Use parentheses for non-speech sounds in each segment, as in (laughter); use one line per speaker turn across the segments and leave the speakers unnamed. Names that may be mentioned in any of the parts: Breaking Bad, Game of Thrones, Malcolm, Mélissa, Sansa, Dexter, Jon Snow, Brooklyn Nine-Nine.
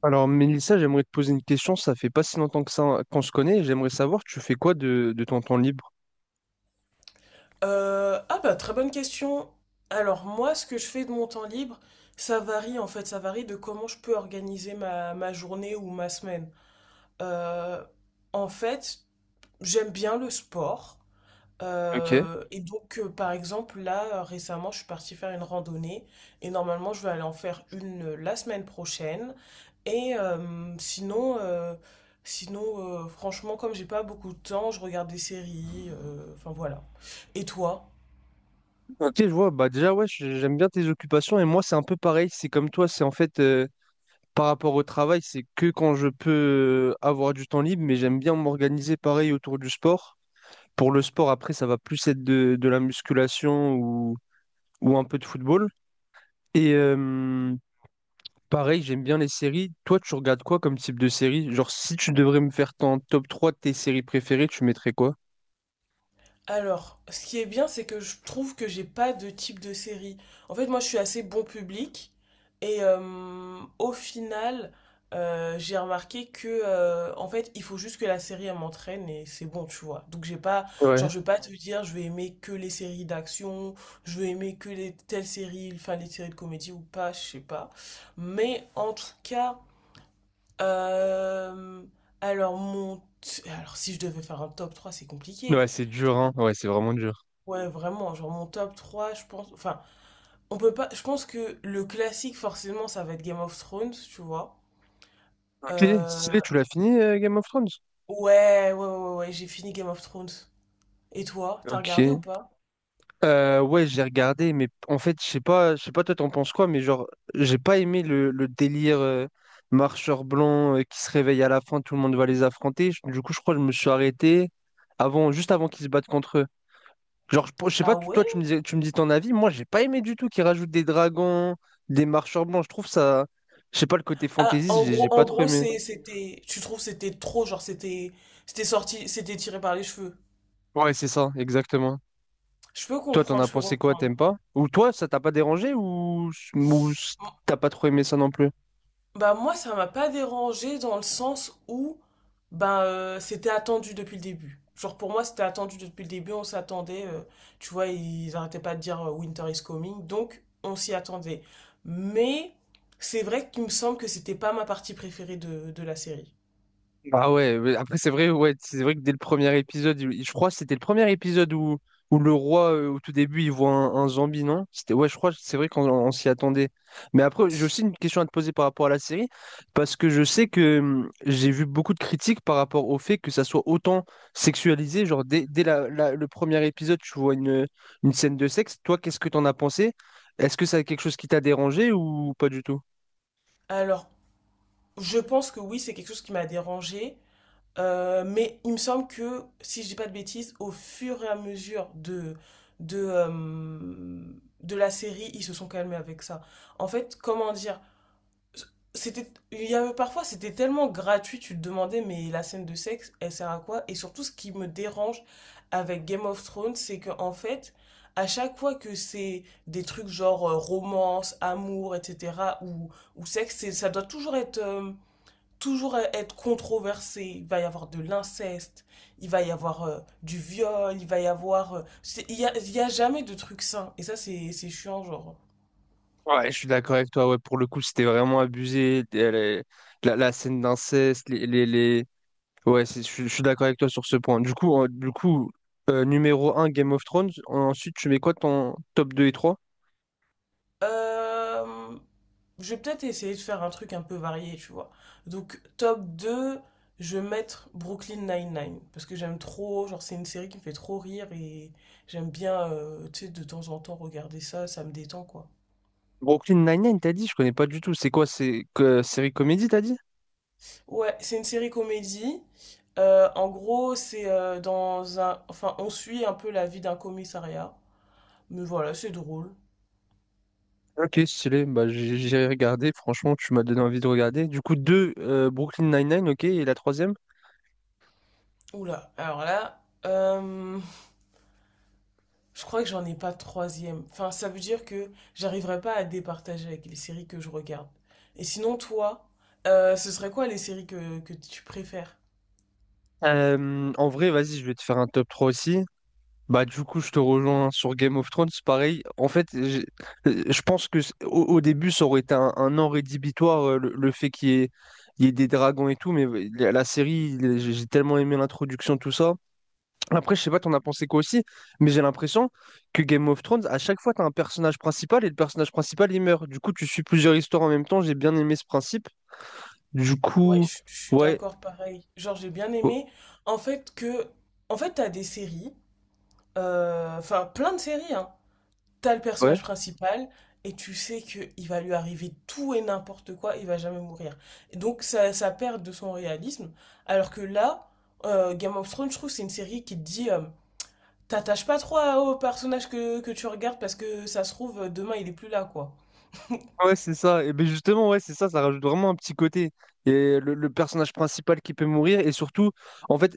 Alors, Mélissa, j'aimerais te poser une question. Ça fait pas si longtemps que ça qu'on se connaît. J'aimerais savoir, tu fais quoi de ton temps libre?
Ah bah très bonne question. Alors moi, ce que je fais de mon temps libre, ça varie en fait, ça varie de comment je peux organiser ma journée ou ma semaine. Euh, en fait, j'aime bien le sport.
Ok.
Par exemple, là, récemment, je suis partie faire une randonnée et normalement, je vais aller en faire une la semaine prochaine. Et sinon, sinon franchement, comme j'ai pas beaucoup de temps, je regarde des séries. Enfin voilà. Et toi?
Ok, je vois. Bah déjà, ouais, j'aime bien tes occupations. Et moi, c'est un peu pareil. C'est comme toi. C'est en fait par rapport au travail, c'est que quand je peux avoir du temps libre. Mais j'aime bien m'organiser pareil autour du sport. Pour le sport, après, ça va plus être de la musculation ou un peu de football. Et, pareil, j'aime bien les séries. Toi, tu regardes quoi comme type de série? Genre, si tu devrais me faire ton top 3 de tes séries préférées, tu mettrais quoi?
Alors, ce qui est bien, c'est que je trouve que j'ai pas de type de série. En fait, moi, je suis assez bon public et au final, j'ai remarqué que en fait, il faut juste que la série elle m'entraîne et c'est bon, tu vois. Donc, j'ai pas, genre,
Ouais.
je vais pas te dire, je vais aimer que les séries d'action, je vais aimer que les telles séries, enfin les séries de comédie ou pas, je sais pas. Mais en tout cas, euh, alors mon, alors si je devais faire un top 3, c'est compliqué.
Ouais, c'est dur, hein. Ouais, c'est vraiment dur.
Ouais, vraiment, genre mon top 3 je pense. Enfin, on peut pas. Je pense que le classique, forcément, ça va être Game of Thrones, tu vois.
Ok,
Euh,
stylé, tu l'as fini, Game of Thrones?
Ouais, ouais, ouais, ouais, ouais, j'ai fini Game of Thrones. Et toi, t'as
Ok.
regardé ou pas?
Ouais, j'ai regardé, mais en fait, je sais pas, toi t'en penses quoi, mais genre, j'ai pas aimé le délire marcheur blanc qui se réveille à la fin, tout le monde va les affronter. Du coup, je crois que je me suis arrêté avant, juste avant qu'ils se battent contre eux. Genre, je sais pas,
Ah ouais?
toi tu me dis ton avis, moi j'ai pas aimé du tout qu'ils rajoutent des dragons, des marcheurs blancs. Je trouve ça, je sais pas, le côté
Ah,
fantaisiste, j'ai pas
en
trop
gros,
aimé.
c'est- c'était. Tu trouves c'était trop, genre, c'était. C'était sorti, c'était tiré par les cheveux.
Ouais, c'est ça, exactement.
Je peux
Toi, t'en
comprendre,
as
je peux
pensé quoi, t'aimes
comprendre.
pas? Ou toi, ça t'a pas dérangé ou t'as pas trop aimé ça non plus?
Bah moi ça m'a pas dérangé dans le sens où c'était attendu depuis le début. Genre pour moi c'était attendu depuis le début, on s'attendait, tu vois, ils arrêtaient pas de dire Winter is coming, donc on s'y attendait. Mais c'est vrai qu'il me semble que c'était pas ma partie préférée de la série.
Ah ouais, mais après c'est vrai, ouais, c'est vrai que dès le premier épisode, je crois que c'était le premier épisode où le roi, au tout début, il voit un zombie, non? C'était, ouais, je crois que c'est vrai qu'on s'y attendait. Mais après, j'ai aussi une question à te poser par rapport à la série, parce que je sais que j'ai vu beaucoup de critiques par rapport au fait que ça soit autant sexualisé, genre dès le premier épisode, tu vois une scène de sexe. Toi, qu'est-ce que t'en as pensé? Est-ce que ça a quelque chose qui t'a dérangé ou pas du tout?
Alors je pense que oui c'est quelque chose qui m'a dérangé. Mais il me semble que, si je dis pas de bêtises, au fur et à mesure de, euh, de la série, ils se sont calmés avec ça. En fait, comment dire, c'était, il y avait parfois, c'était tellement gratuit, tu te demandais, mais la scène de sexe, elle sert à quoi? Et surtout, ce qui me dérange avec Game of Thrones, c'est que, en fait, à chaque fois que c'est des trucs genre romance, amour, etc., ou, ou sexe, ça doit toujours être controversé. Il va y avoir de l'inceste, il va y avoir du viol, il va y avoir... il y a jamais de truc sain. Et ça, c'est chiant, genre.
Ouais, je suis d'accord avec toi. Ouais, pour le coup, c'était vraiment abusé. La scène d'inceste, ouais, je suis d'accord avec toi sur ce point. Du coup, du coup numéro un Game of Thrones. Ensuite, tu mets quoi ton top deux et trois?
Euh, je vais peut-être essayer de faire un truc un peu varié, tu vois. Donc, top 2, je vais mettre Brooklyn Nine-Nine. Parce que j'aime trop, genre, c'est une série qui me fait trop rire et j'aime bien, tu sais, de temps en temps regarder ça, ça me détend, quoi.
Brooklyn Nine-Nine, t'as dit? Je connais pas du tout. C'est quoi? C'est que série comédie, t'as dit?
Ouais, c'est une série comédie. En gros, c'est dans un... Enfin, on suit un peu la vie d'un commissariat. Mais voilà, c'est drôle.
Ok, stylé. Bah, j'ai regardé. Franchement, tu m'as donné envie de regarder. Du coup, 2, Brooklyn Nine-Nine, ok. Et la troisième?
Oula, alors là, je crois que j'en ai pas de troisième. Enfin, ça veut dire que j'arriverai pas à départager avec les séries que je regarde. Et sinon, toi, ce serait quoi les séries que tu préfères?
En vrai, vas-y, je vais te faire un top 3 aussi. Bah du coup je te rejoins sur Game of Thrones, pareil. En fait, je pense que au début ça aurait été un an rédhibitoire le fait il y ait des dragons et tout, mais la série, j'ai tellement aimé l'introduction, tout ça. Après, je sais pas, t'en as pensé quoi aussi, mais j'ai l'impression que Game of Thrones, à chaque fois, t'as un personnage principal et le personnage principal il meurt. Du coup, tu suis plusieurs histoires en même temps, j'ai bien aimé ce principe. Du
Ouais,
coup,
je suis
ouais,
d'accord, pareil. Genre, j'ai bien
oh,
aimé. En fait, que... En fait, t'as des séries, enfin, plein de séries, hein. T'as le
ouais.
personnage principal et tu sais que il va lui arriver tout et n'importe quoi, il va jamais mourir. Et donc ça perd de son réalisme. Alors que là, Game of Thrones, je trouve, c'est une série qui te dit, t'attaches pas trop au personnage que tu regardes parce que ça se trouve, demain il est plus là, quoi.
Ouais, c'est ça. Et ben justement, ouais, c'est ça, ça rajoute vraiment un petit côté. Et le personnage principal qui peut mourir, et surtout, en fait,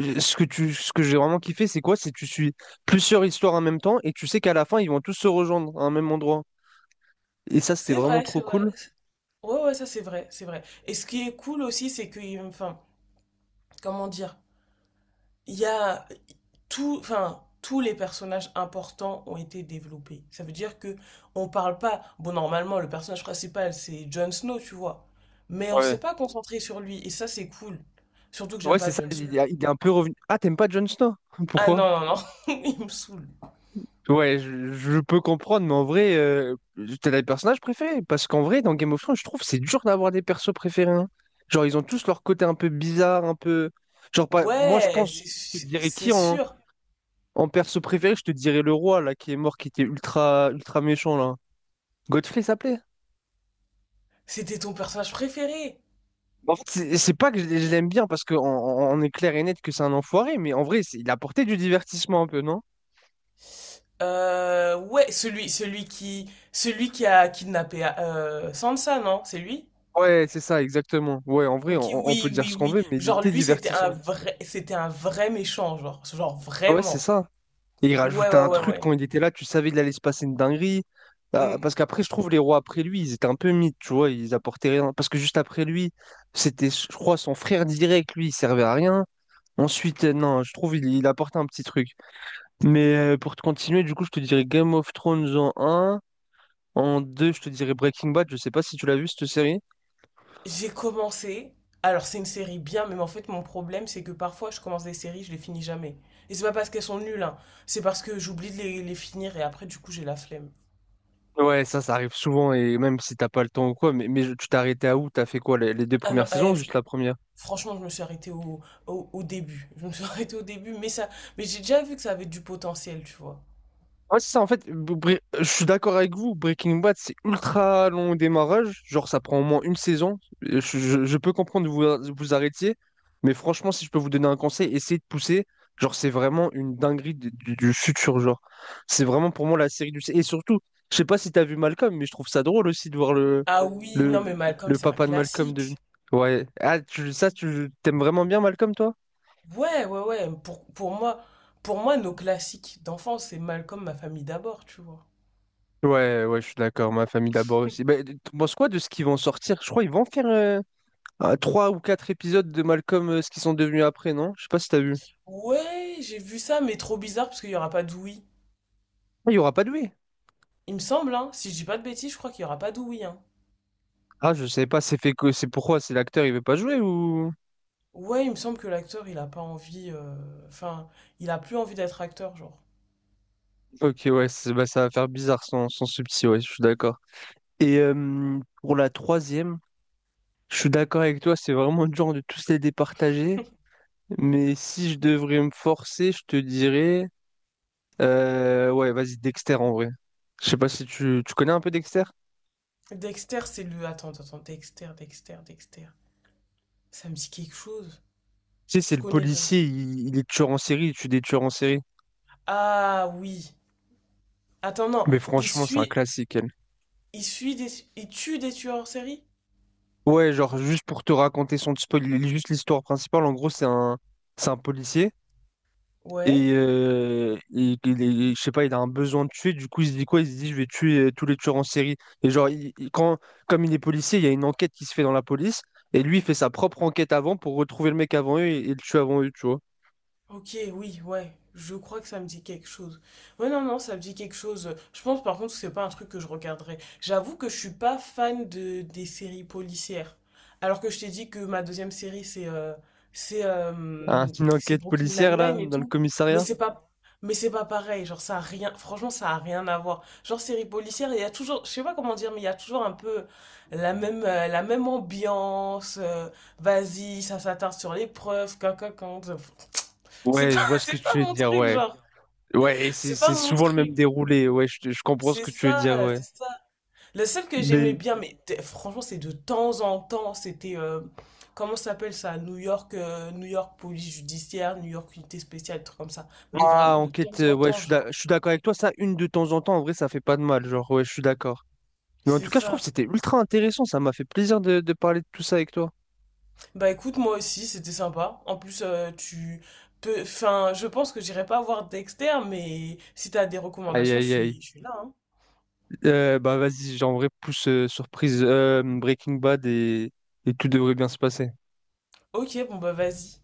ce que j'ai vraiment kiffé, c'est quoi? C'est que tu suis plusieurs histoires en même temps, et tu sais qu'à la fin, ils vont tous se rejoindre à un même endroit. Et ça, c'était
C'est
vraiment
vrai, c'est
trop
vrai.
cool.
Ouais, ouais, ça c'est vrai, c'est vrai. Et ce qui est cool aussi, c'est que, enfin, comment dire? Il y a tout, enfin, tous les personnages importants ont été développés. Ça veut dire que on parle pas. Bon, normalement, le personnage principal, c'est Jon Snow, tu vois. Mais on s'est
Ouais.
pas concentré sur lui. Et ça, c'est cool. Surtout que
Ouais,
j'aime
c'est
pas
ça,
Jon Snow.
il est un peu revenu. Ah, t'aimes pas Jon Snow? (laughs)
Ah
Pourquoi?
non, non, non. (laughs) Il me saoule.
Ouais, je peux comprendre, mais en vrai, t'as des personnages préférés. Parce qu'en vrai, dans Game of Thrones, je trouve que c'est dur d'avoir des persos préférés, hein. Genre, ils ont tous leur côté un peu bizarre, un peu. Genre, pas... moi, je
Ouais,
pense, je te dirais
c'est
qui en,
sûr.
en perso préféré? Je te dirais le roi, là, qui est mort, qui était ultra méchant, là. Godfrey s'appelait?
C'était ton personnage préféré.
En fait, c'est pas que je l'aime bien, parce qu'on est clair et net que c'est un enfoiré, mais en vrai, il apportait du divertissement un peu, non?
Ouais, celui qui a kidnappé Sansa, non? C'est lui?
Ouais, c'est ça, exactement. Ouais, en vrai,
Ok,
on peut
oui,
dire
oui,
ce qu'on
oui.
veut, mais il
Genre
était
lui,
divertissant.
c'était un vrai méchant, genre, genre
Ouais, c'est
vraiment.
ça. Et il
Ouais,
rajoutait
ouais,
un
ouais,
truc
ouais.
quand il était là, tu savais qu'il allait se passer une dinguerie. Ah,
Mm.
parce qu'après, je trouve les rois après lui, ils étaient un peu mythes, tu vois, ils apportaient rien. Parce que juste après lui, c'était, je crois, son frère direct, lui, il servait à rien. Ensuite, non, je trouve il apportait un petit truc. Mais pour te continuer, du coup, je te dirais Game of Thrones en un. En 2, je te dirais Breaking Bad. Je sais pas si tu l'as vu, cette série.
J'ai commencé. Alors c'est une série bien, mais en fait mon problème c'est que parfois je commence des séries, je les finis jamais. Et c'est pas parce qu'elles sont nulles, hein. C'est parce que j'oublie de les finir et après du coup j'ai la flemme.
Ouais, ça arrive souvent, et même si t'as pas le temps ou quoi, mais tu t'es arrêté à où? T'as fait quoi, les deux
Ah
premières
non,
saisons ou juste la première?
franchement je me suis arrêtée au début. (laughs) Je me suis (laughs) arrêtée au début, mais j'ai déjà vu que ça avait du potentiel, tu vois.
Ouais, c'est ça, en fait, je suis d'accord avec vous, Breaking Bad, c'est ultra long au démarrage, genre ça prend au moins une saison. Je peux comprendre que vous arrêtiez, mais franchement, si je peux vous donner un conseil, essayez de pousser. Genre, c'est vraiment une dinguerie du futur, genre. C'est vraiment pour moi la série du... Et surtout, je sais pas si t'as vu Malcolm, mais je trouve ça drôle aussi de voir
Ah oui, non mais
le,
Malcolm
le
c'est un
papa de Malcolm devenir...
classique.
Ouais, ah, tu t'aimes vraiment bien Malcolm, toi?
Ouais, ouais, ouais. Pour moi, nos classiques d'enfance, c'est Malcolm, ma famille d'abord, tu vois.
Ouais, je suis d'accord, ma famille d'abord aussi. Bah, tu penses quoi de ce qu'ils vont sortir? Je crois qu'ils vont faire... ah, trois ou quatre épisodes de Malcolm, ce qu'ils sont devenus après, non? Je sais pas si t'as vu.
Ouais, j'ai vu ça, mais trop bizarre parce qu'il n'y aura pas d'Ouïe.
Ah, il y aura pas de lui.
Il me semble, hein. Si je dis pas de bêtises, je crois qu'il n'y aura pas d'Ouïe, hein.
Ah, je sais pas, c'est fait que c'est pourquoi c'est l'acteur, il veut pas jouer ou.
Ouais, il me semble que l'acteur, il a pas envie. Enfin, il a plus envie d'être acteur, genre.
Ok, ouais, bah, ça va faire bizarre sans subtil, ouais, je suis d'accord. Et pour la troisième, je suis d'accord avec toi, c'est vraiment le genre de tous les départager. Mais si je devrais me forcer, je te dirais ouais, vas-y, Dexter en vrai. Je sais pas si tu connais un peu Dexter?
Dexter, c'est le. Attends, attends, Dexter, Dexter, Dexter. Ça me dit quelque chose.
Tu sais, c'est
Je
le
connais le nom.
policier, il est tueur en série, il tue des tueurs en série.
Ah oui. Attends, non.
Mais
Il
franchement, c'est un
suit.
classique.
Il suit des. Il tue des tueurs en série?
Ouais, genre juste pour te raconter sans te spoiler juste l'histoire principale, en gros c'est un policier et,
Ouais.
je sais pas, il a un besoin de tuer, du coup il se dit quoi? Il se dit je vais tuer tous les tueurs en série. Et genre il- quand comme il est policier, il y a une enquête qui se fait dans la police et lui il fait sa propre enquête avant pour retrouver le mec avant eux et le tuer avant eux, tu vois.
Ok, oui, ouais, je crois que ça me dit quelque chose. Ouais, non, non, ça me dit quelque chose. Je pense par contre que c'est pas un truc que je regarderais. J'avoue que je suis pas fan de des séries policières. Alors que je t'ai dit que ma deuxième série c'est
Hein,
euh,
une
c'est
enquête
Brooklyn
policière là
Nine-Nine et
dans le
tout. Mais
commissariat?
c'est pas mais c'est pas pareil, genre ça a rien franchement ça a rien à voir. Genre série policière, il y a toujours je sais pas comment dire mais il y a toujours un peu la même ambiance. Vas-y, ça s'attarde sur les preuves, quand c'est
Ouais, je
pas,
vois
(laughs)
ce que
c'est pas
tu veux
mon
dire,
truc,
ouais.
genre.
Ouais, et
C'est pas
c'est
mon
souvent le même
truc.
déroulé, ouais, je comprends ce
C'est
que tu veux dire,
ça,
ouais.
c'est ça. Le seul que j'aimais
Mais
bien, mais franchement, c'est de temps en temps, c'était, comment ça s'appelle ça? New York, New York police judiciaire, New York unité spéciale, truc comme ça. Mais
ah,
vraiment de
enquête,
temps en
ouais,
temps, genre.
je suis d'accord avec toi. Ça, une de temps en temps, en vrai, ça fait pas de mal. Genre, ouais, je suis d'accord. Mais en
C'est
tout cas, je trouve que
ça.
c'était ultra intéressant. Ça m'a fait plaisir de parler de tout ça avec toi.
Bah écoute, moi aussi, c'était sympa. En plus, tu peux, enfin, je pense que j'irai pas voir Dexter, mais si t'as des
Aïe,
recommandations,
aïe, aïe.
je suis là, hein.
Bah, vas-y, genre, en vrai, pousse surprise Breaking Bad et tout devrait bien se passer.
Ok, bon bah vas-y.